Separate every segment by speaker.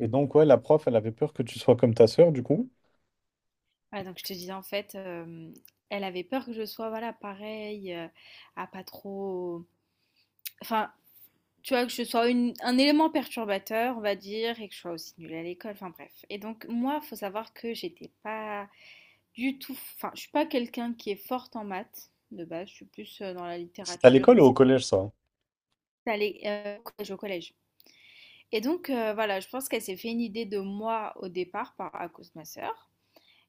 Speaker 1: Et donc, ouais, la prof, elle avait peur que tu sois comme ta sœur, du coup.
Speaker 2: Ouais, donc je te disais en fait, elle avait peur que je sois voilà pareil, à pas trop, enfin tu vois que je sois un élément perturbateur on va dire et que je sois aussi nulle à l'école, enfin bref. Et donc moi faut savoir que j'étais pas du tout, enfin je suis pas quelqu'un qui est forte en maths de base, je suis plus dans la
Speaker 1: C'était à
Speaker 2: littérature
Speaker 1: l'école ou au
Speaker 2: etc.
Speaker 1: collège, ça?
Speaker 2: Allée au collège, au collège. Et donc voilà, je pense qu'elle s'est fait une idée de moi au départ par à cause de ma sœur.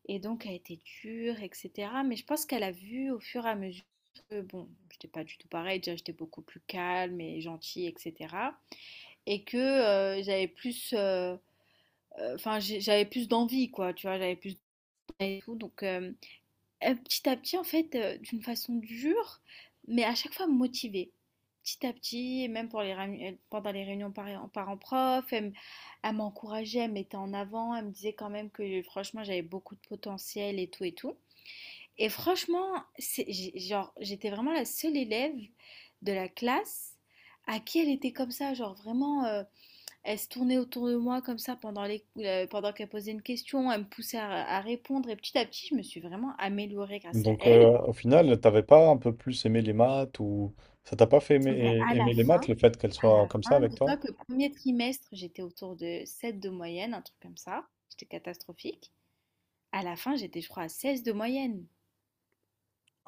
Speaker 2: Et donc, elle était dure, etc. Mais je pense qu'elle a vu au fur et à mesure que, bon, j'étais pas du tout pareil, déjà j'étais beaucoup plus calme et gentille, etc. Et que j'avais plus d'envie, quoi, tu vois, j'avais plus d'envie et tout. Donc, petit à petit, en fait, d'une façon dure, mais à chaque fois motivée. Petit à petit, et même pour les pendant les réunions parents-prof, elle m'encourageait, elle me mettait en avant, elle me disait quand même que franchement j'avais beaucoup de potentiel et tout et tout. Et franchement, genre, j'étais vraiment la seule élève de la classe à qui elle était comme ça. Genre, vraiment, elle se tournait autour de moi comme ça pendant pendant qu'elle posait une question. Elle me poussait à répondre. Et petit à petit, je me suis vraiment améliorée grâce à
Speaker 1: Donc,
Speaker 2: elle.
Speaker 1: au final, t'avais pas un peu plus aimé les maths ou ça t'a pas fait
Speaker 2: Ben,
Speaker 1: aimer,
Speaker 2: à la
Speaker 1: aimer les maths,
Speaker 2: fin,
Speaker 1: le fait qu'elle
Speaker 2: à
Speaker 1: soit
Speaker 2: la
Speaker 1: comme ça
Speaker 2: fin,
Speaker 1: avec
Speaker 2: dis-toi
Speaker 1: toi?
Speaker 2: que premier trimestre, j'étais autour de 7 de moyenne, un truc comme ça. J'étais catastrophique. À la fin, j'étais, je crois, à 16 de moyenne.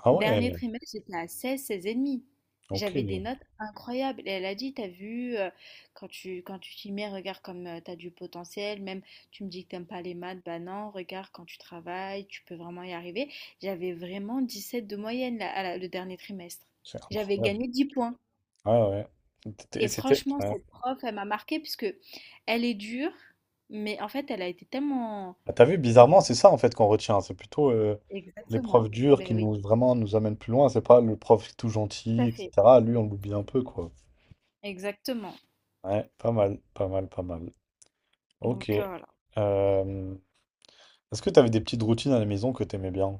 Speaker 1: Ah ouais,
Speaker 2: Dernier trimestre, j'étais à 16, 16,5.
Speaker 1: ok.
Speaker 2: J'avais des notes incroyables. Et elle a dit, t'as vu, quand tu t'y mets, regarde comme tu t'as du potentiel. Même tu me dis que t'aimes pas les maths, bah non, regarde quand tu travailles, tu peux vraiment y arriver. J'avais vraiment 17 de moyenne là, le dernier trimestre.
Speaker 1: C'est
Speaker 2: J'avais
Speaker 1: incroyable.
Speaker 2: gagné 10 points.
Speaker 1: Ouais, ouais. C'était et
Speaker 2: Et
Speaker 1: c'était
Speaker 2: franchement,
Speaker 1: ouais.
Speaker 2: cette prof, elle m'a marquée puisque elle est dure, mais en fait, elle a été tellement…
Speaker 1: Bah, tu vu, bizarrement, c'est ça en fait qu'on retient. C'est plutôt
Speaker 2: Exactement.
Speaker 1: l'épreuve dure
Speaker 2: Ben
Speaker 1: qui
Speaker 2: oui,
Speaker 1: nous vraiment nous amène plus loin. C'est pas le prof tout
Speaker 2: tout
Speaker 1: gentil,
Speaker 2: à fait.
Speaker 1: etc. Lui, on l'oublie un peu, quoi.
Speaker 2: Exactement.
Speaker 1: Ouais, pas mal, pas mal, pas mal. Ok.
Speaker 2: Donc voilà.
Speaker 1: Euh, Est-ce que t'avais des petites routines à la maison que t'aimais bien?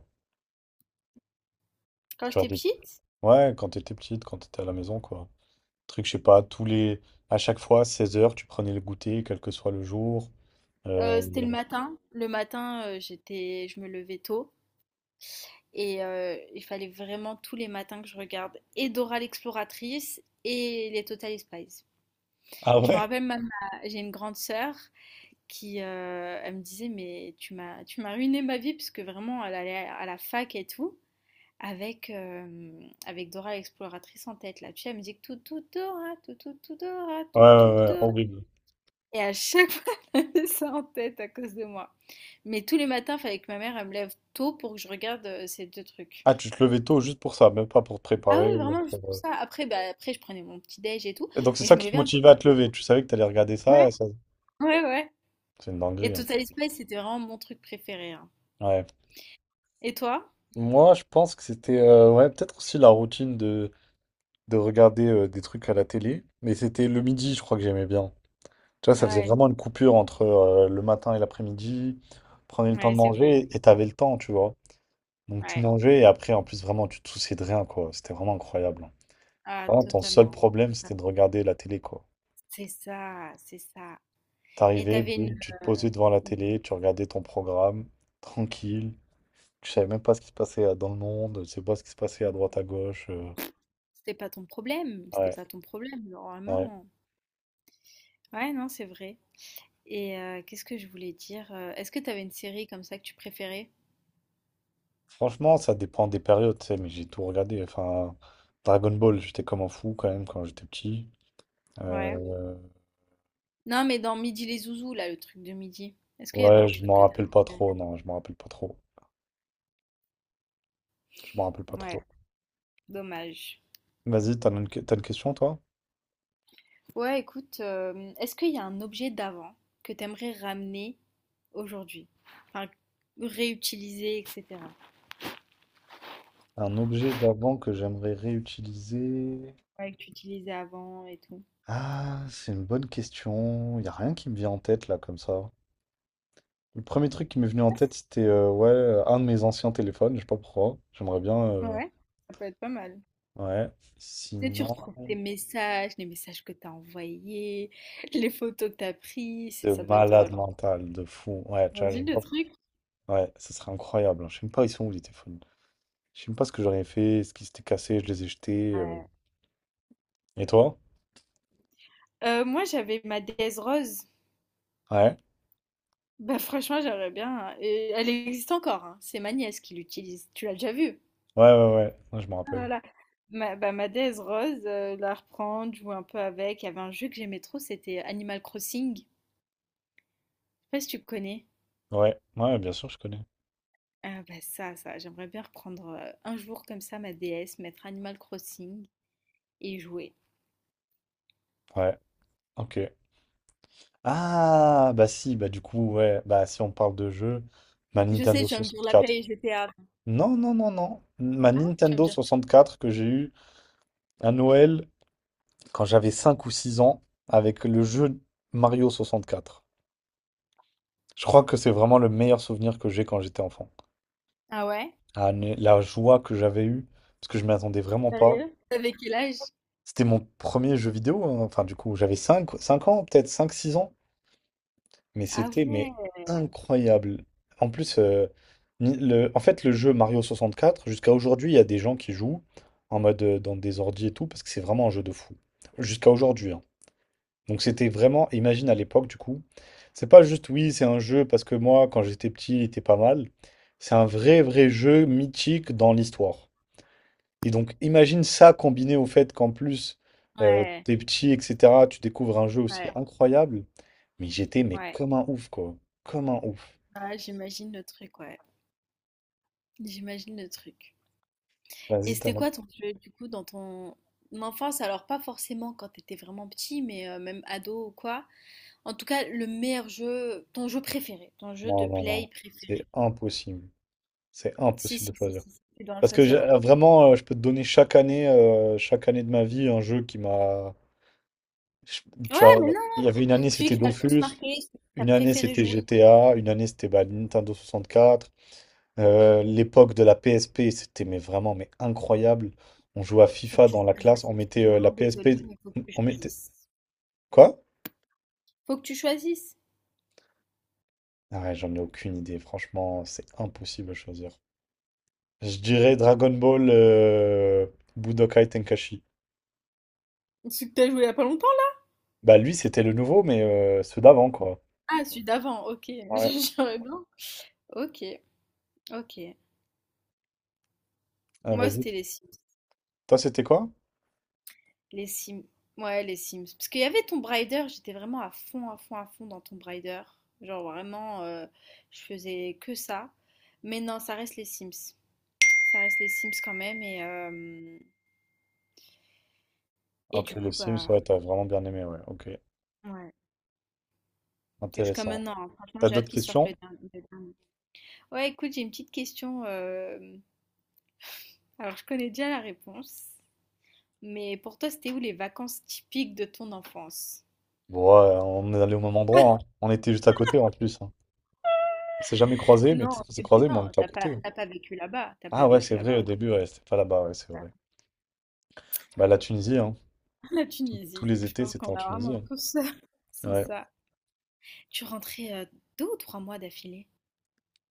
Speaker 2: Quand
Speaker 1: Tu vois,
Speaker 2: j'étais
Speaker 1: des
Speaker 2: petite,
Speaker 1: Ouais, quand t'étais petite, quand t'étais à la maison, quoi. Truc, je sais pas, À chaque fois, 16 heures, tu prenais le goûter, quel que soit le jour. Euh,
Speaker 2: C'était le
Speaker 1: le-
Speaker 2: matin. Le matin, j'étais je me levais tôt et il fallait vraiment tous les matins que je regarde et Dora l'exploratrice et les Totally Spies.
Speaker 1: Ah
Speaker 2: Je me
Speaker 1: ouais?
Speaker 2: rappelle même ma j'ai une grande sœur qui, elle me disait: «Mais tu m'as ruiné ma vie» parce que vraiment elle allait à la fac et tout avec Dora l'exploratrice en tête là. Tu sais, la tout tout Dora, tout tout tout Dora,
Speaker 1: Ouais,
Speaker 2: tout tout
Speaker 1: ouais, ouais,
Speaker 2: Dora.
Speaker 1: horrible.
Speaker 2: Et à chaque fois, elle avait ça en tête à cause de moi. Mais tous les matins, il fallait que ma mère elle me lève tôt pour que je regarde ces deux trucs.
Speaker 1: Ah, tu te levais tôt juste pour ça, même pas pour te
Speaker 2: Ah
Speaker 1: préparer,
Speaker 2: oui,
Speaker 1: ou
Speaker 2: vraiment, juste
Speaker 1: pour,
Speaker 2: pour ça. Après, je prenais mon petit déj et tout,
Speaker 1: et donc c'est
Speaker 2: mais
Speaker 1: ça
Speaker 2: je me
Speaker 1: qui te
Speaker 2: levais un peu
Speaker 1: motivait à
Speaker 2: plus
Speaker 1: te
Speaker 2: tôt.
Speaker 1: lever. Tu savais que t'allais regarder ça,
Speaker 2: Ouais,
Speaker 1: et ça.
Speaker 2: ouais, ouais.
Speaker 1: C'est une
Speaker 2: Et
Speaker 1: dinguerie, hein.
Speaker 2: Total Spice, c'était vraiment mon truc préféré, hein.
Speaker 1: Ouais.
Speaker 2: Et toi?
Speaker 1: Moi, je pense que c'était, ouais, peut-être aussi la routine de regarder des trucs à la télé. Mais c'était le midi, je crois que j'aimais bien. Tu vois, ça faisait
Speaker 2: Ouais,
Speaker 1: vraiment une coupure entre le matin et l'après-midi. Prenais le temps
Speaker 2: ouais,
Speaker 1: de
Speaker 2: c'est
Speaker 1: manger
Speaker 2: vrai.
Speaker 1: et t'avais le temps, tu vois. Donc tu
Speaker 2: Ouais,
Speaker 1: mangeais et après, en plus, vraiment, tu te souciais de rien, quoi. C'était vraiment incroyable, hein.
Speaker 2: ah,
Speaker 1: Vraiment, ton seul
Speaker 2: totalement.
Speaker 1: problème, c'était de regarder la télé, quoi.
Speaker 2: C'est ça, c'est ça. Et
Speaker 1: T'arrivais,
Speaker 2: t'avais
Speaker 1: boum, tu te
Speaker 2: euh,
Speaker 1: posais devant la
Speaker 2: une-
Speaker 1: télé, tu regardais ton programme, tranquille. Tu savais même pas ce qui se passait dans le monde, tu sais pas ce qui se passait à
Speaker 2: une-
Speaker 1: droite, à gauche.
Speaker 2: C'était pas ton problème,
Speaker 1: Ouais,
Speaker 2: c'était pas ton problème,
Speaker 1: ouais.
Speaker 2: normalement. Ouais, non, c'est vrai. Et qu'est-ce que je voulais dire? Est-ce que tu avais une série comme ça que tu préférais?
Speaker 1: Franchement, ça dépend des périodes, tu sais, mais j'ai tout regardé. Enfin, Dragon Ball, j'étais comme un fou quand même quand j'étais petit.
Speaker 2: Ouais.
Speaker 1: Euh,
Speaker 2: Non, mais dans Midi les Zouzous, là, le truc de midi. Est-ce qu'il y avait
Speaker 1: Ouais,
Speaker 2: un
Speaker 1: je
Speaker 2: truc
Speaker 1: m'en
Speaker 2: que tu
Speaker 1: rappelle pas
Speaker 2: préféré?
Speaker 1: trop, non, je m'en rappelle pas trop. Je m'en rappelle pas
Speaker 2: Ouais,
Speaker 1: trop.
Speaker 2: dommage.
Speaker 1: Vas-y, t'as une question, toi?
Speaker 2: Ouais, écoute, est-ce qu'il y a un objet d'avant que tu aimerais ramener aujourd'hui? Enfin, réutiliser, etc.
Speaker 1: Un objet d'avant que j'aimerais réutiliser.
Speaker 2: Ouais, que tu utilisais avant et tout.
Speaker 1: Ah, c'est une bonne question. Il a rien qui me vient en tête, là, comme ça. Le premier truc qui m'est venu en tête, c'était ouais, un de mes anciens téléphones, je sais pas pourquoi. J'aimerais bien.
Speaker 2: Ouais, ça peut être pas mal.
Speaker 1: Ouais.
Speaker 2: Tu sais, tu
Speaker 1: Sinon,
Speaker 2: retrouves tes messages, les messages que tu as envoyés, les photos que tu as prises.
Speaker 1: de
Speaker 2: Ça doit être
Speaker 1: malade
Speaker 2: drôle, hein.
Speaker 1: mental, de fou. Ouais, tu vois,
Speaker 2: Imagine
Speaker 1: j'aime
Speaker 2: le
Speaker 1: pas.
Speaker 2: truc.
Speaker 1: Ouais, ça serait incroyable, hein. Je sais même pas, ils sont où les téléphones? Je sais même pas ce que j'aurais fait, ce qui s'était cassé, je les ai jetés.
Speaker 2: Ouais.
Speaker 1: Et toi?
Speaker 2: Moi, j'avais ma déesse rose.
Speaker 1: Ouais.
Speaker 2: Bah, franchement, j'aimerais bien, hein. Et elle existe encore, hein. C'est ma nièce qui l'utilise. Tu l'as déjà vue?
Speaker 1: Ouais, ouais, ouais, ouais, je me
Speaker 2: Ah là
Speaker 1: rappelle.
Speaker 2: là. Ma déesse rose, la reprendre, jouer un peu avec. Il y avait un jeu que j'aimais trop, c'était Animal Crossing. Je sais pas si tu connais.
Speaker 1: Ouais, ouais, bien sûr, je connais.
Speaker 2: Ah bah ça, ça, j'aimerais bien reprendre un jour comme ça ma DS, mettre Animal Crossing et y jouer.
Speaker 1: Ouais, ok. Ah, bah si, bah du coup, ouais, bah si on parle de jeu, ma
Speaker 2: Je sais,
Speaker 1: Nintendo
Speaker 2: tu vas me dire la
Speaker 1: 64.
Speaker 2: Play et GTA.
Speaker 1: Non, non, non, non. Ma
Speaker 2: Ah, tu vas me
Speaker 1: Nintendo
Speaker 2: dire.
Speaker 1: 64 que j'ai eu à Noël quand j'avais 5 ou 6 ans avec le jeu Mario 64. Je crois que c'est vraiment le meilleur souvenir que j'ai quand j'étais enfant.
Speaker 2: Ah ouais?
Speaker 1: Ah, mais la joie que j'avais eue, parce que je m'y attendais vraiment pas.
Speaker 2: Sérieux? Avec quel âge?
Speaker 1: C'était mon premier jeu vidéo, hein. Enfin, du coup, j'avais 5 5 ans, peut-être cinq six ans. Mais
Speaker 2: Ah
Speaker 1: c'était mais
Speaker 2: ouais,
Speaker 1: incroyable. En plus, en fait, le jeu Mario 64, jusqu'à aujourd'hui, il y a des gens qui jouent en mode dans des ordi et tout, parce que c'est vraiment un jeu de fou. Jusqu'à aujourd'hui, hein. Donc c'était vraiment, imagine à l'époque, du coup, c'est pas juste oui, c'est un jeu parce que moi, quand j'étais petit, il était pas mal. C'est un vrai, vrai jeu mythique dans l'histoire. Et donc, imagine ça combiné au fait qu'en plus,
Speaker 2: ouais,
Speaker 1: t'es petit, etc., tu découvres un jeu aussi
Speaker 2: ouais,
Speaker 1: incroyable. Mais j'étais, mais
Speaker 2: ouais.
Speaker 1: comme un ouf, quoi. Comme un ouf.
Speaker 2: Ah, j'imagine le truc, ouais. J'imagine le truc. Et
Speaker 1: Vas-y,
Speaker 2: c'était
Speaker 1: t'en as-
Speaker 2: quoi ton jeu, du coup, dans ton enfance? Alors, pas forcément quand t'étais vraiment petit, mais même ado ou quoi. En tout cas, le meilleur jeu, ton jeu préféré, ton jeu de
Speaker 1: Non, non, non.
Speaker 2: play
Speaker 1: C'est
Speaker 2: préféré.
Speaker 1: impossible. C'est
Speaker 2: Si,
Speaker 1: impossible de
Speaker 2: si, si,
Speaker 1: choisir.
Speaker 2: si, si, tu dois en
Speaker 1: Parce que
Speaker 2: choisir un.
Speaker 1: vraiment, je peux te donner chaque année de ma vie, un jeu qui m'a. je-
Speaker 2: Ouais,
Speaker 1: Tu vois,
Speaker 2: mais non,
Speaker 1: il y avait une année,
Speaker 2: celui
Speaker 1: c'était
Speaker 2: qui t'a le plus
Speaker 1: Dofus.
Speaker 2: marqué, celui que t'as
Speaker 1: Une année,
Speaker 2: préféré
Speaker 1: c'était
Speaker 2: jouer,
Speaker 1: GTA. Une année, c'était bah, Nintendo 64. L'époque de la PSP, c'était mais vraiment mais incroyable. On jouait à
Speaker 2: faut que
Speaker 1: FIFA
Speaker 2: tu
Speaker 1: dans la classe,
Speaker 2: choisisses.
Speaker 1: on
Speaker 2: Je
Speaker 1: mettait
Speaker 2: suis vraiment
Speaker 1: la PSP,
Speaker 2: désolée, mais faut que tu
Speaker 1: on mettait
Speaker 2: choisisses.
Speaker 1: quoi?
Speaker 2: Faut que tu choisisses.
Speaker 1: Ah ouais, j'en ai aucune idée, franchement, c'est impossible à choisir. Je dirais Dragon Ball Budokai Tenkaichi.
Speaker 2: Celui que t'as joué il y a pas longtemps, là?
Speaker 1: Bah lui, c'était le nouveau, mais ceux d'avant quoi.
Speaker 2: Ah, celui d'avant, ok.
Speaker 1: Ouais,
Speaker 2: J'aurais bien. Ok, ok.
Speaker 1: ah,
Speaker 2: Moi,
Speaker 1: vas-y.
Speaker 2: c'était les Sims.
Speaker 1: Toi, c'était quoi?
Speaker 2: Les Sims. Ouais, les Sims. Parce qu'il y avait Tomb Raider, j'étais vraiment à fond, à fond, à fond dans Tomb Raider. Genre vraiment, je faisais que ça. Mais non, ça reste les Sims. Ça reste les Sims quand même. Et
Speaker 1: Ok,
Speaker 2: du
Speaker 1: les
Speaker 2: coup,
Speaker 1: Sims,
Speaker 2: bah,
Speaker 1: ouais, t'as vraiment bien aimé, ouais, ok,
Speaker 2: ouais. Et jusqu'à
Speaker 1: intéressant.
Speaker 2: maintenant, hein, franchement,
Speaker 1: T'as
Speaker 2: j'ai hâte
Speaker 1: d'autres
Speaker 2: qu'ils sortent le
Speaker 1: questions?
Speaker 2: dernier. le dernier. Ouais, écoute, j'ai une petite question. Alors, je connais déjà la réponse. Mais pour toi, c'était où les vacances typiques de ton enfance?
Speaker 1: Bon, ouais, on est allé au même endroit, hein. On était juste à côté en plus, hein. On s'est jamais croisé, mais
Speaker 2: Non, au
Speaker 1: peut-être qu'on s'est
Speaker 2: début,
Speaker 1: croisé mais on
Speaker 2: non,
Speaker 1: était à
Speaker 2: t'as pas,
Speaker 1: côté.
Speaker 2: t'as pas vécu là-bas. T'as pas
Speaker 1: Ah ouais,
Speaker 2: vécu
Speaker 1: c'est vrai,
Speaker 2: là-bas
Speaker 1: au
Speaker 2: au début.
Speaker 1: début, ouais, c'était pas là-bas, ouais, c'est vrai. Bah, la Tunisie, hein.
Speaker 2: La
Speaker 1: Tous
Speaker 2: Tunisie,
Speaker 1: les
Speaker 2: je
Speaker 1: étés,
Speaker 2: pense
Speaker 1: c'était
Speaker 2: qu'on
Speaker 1: en
Speaker 2: a
Speaker 1: Tunisie,
Speaker 2: vraiment
Speaker 1: hein.
Speaker 2: tous c'est
Speaker 1: Ouais,
Speaker 2: ça. Tu rentrais 2 ou 3 mois d'affilée?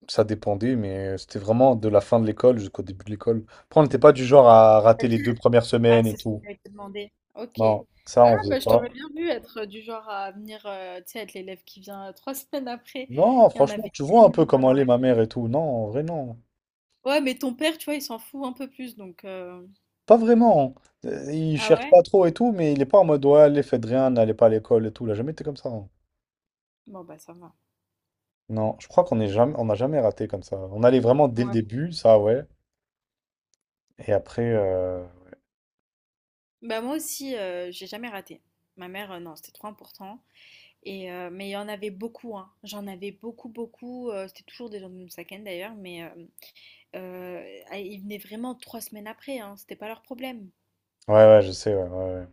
Speaker 1: ça dépendait, mais c'était vraiment de la fin de l'école jusqu'au début de l'école. Après, on n'était pas du genre à rater les deux premières
Speaker 2: Ah,
Speaker 1: semaines
Speaker 2: c'est
Speaker 1: et
Speaker 2: ce que
Speaker 1: tout.
Speaker 2: j'allais te demander. Ok.
Speaker 1: Non, ça,
Speaker 2: Ah,
Speaker 1: on faisait
Speaker 2: bah, je
Speaker 1: pas.
Speaker 2: t'aurais bien vu être du genre à venir, tu sais, être l'élève qui vient trois semaines après.
Speaker 1: Non,
Speaker 2: Il y en
Speaker 1: franchement,
Speaker 2: avait
Speaker 1: tu vois un
Speaker 2: tellement,
Speaker 1: peu
Speaker 2: moi,
Speaker 1: comment
Speaker 2: dans
Speaker 1: elle est,
Speaker 2: ma…
Speaker 1: ma mère et tout. Non, en vrai, non.
Speaker 2: Ouais, mais ton père, tu vois, il s'en fout un peu plus, donc…
Speaker 1: Pas vraiment. Hein. Il
Speaker 2: Ah
Speaker 1: cherche pas
Speaker 2: ouais?
Speaker 1: trop et tout, mais il est pas en mode, ouais, allez, faites rien, n'allez pas à l'école et tout. Il a jamais été comme ça, hein.
Speaker 2: Bon, bah, ça va.
Speaker 1: Non, je crois qu'on est jamais, on n'a jamais raté comme ça. On allait vraiment dès le
Speaker 2: Ouais.
Speaker 1: début, ça, ouais. Et après,
Speaker 2: Bah moi aussi, j'ai jamais raté. Ma mère, non, c'était trop important. Mais il y en avait beaucoup, hein. J'en avais beaucoup, beaucoup. C'était toujours des gens de Moussaken d'ailleurs, mais Ah, ils venaient vraiment 3 semaines après, hein, c'était pas leur problème.
Speaker 1: ouais, ouais, je sais, ouais, ouais, ouais.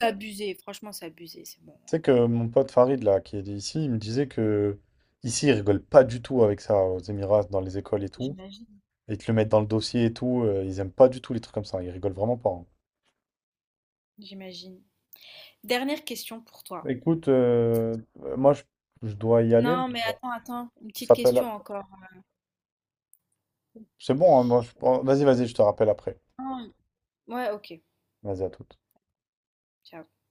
Speaker 2: C'est abusé, franchement, c'est abusé, c'est bon.
Speaker 1: Tu sais que mon pote Farid, là, qui est ici, il me disait que ici, ils rigolent pas du tout avec ça aux Émirats, dans les écoles et tout.
Speaker 2: J'imagine.
Speaker 1: Ils te le mettent dans le dossier et tout. Ils aiment pas du tout les trucs comme ça. Ils rigolent vraiment pas, hein.
Speaker 2: J'imagine. Dernière question pour toi.
Speaker 1: Écoute, moi, je dois y aller.
Speaker 2: Non, mais attends, attends, une petite
Speaker 1: Ça s'appelle-
Speaker 2: question encore.
Speaker 1: C'est bon, hein, moi, oh, vas-y, vas-y, je te rappelle après.
Speaker 2: Non, ouais, ok,
Speaker 1: Vas-y, à toute.
Speaker 2: ciao.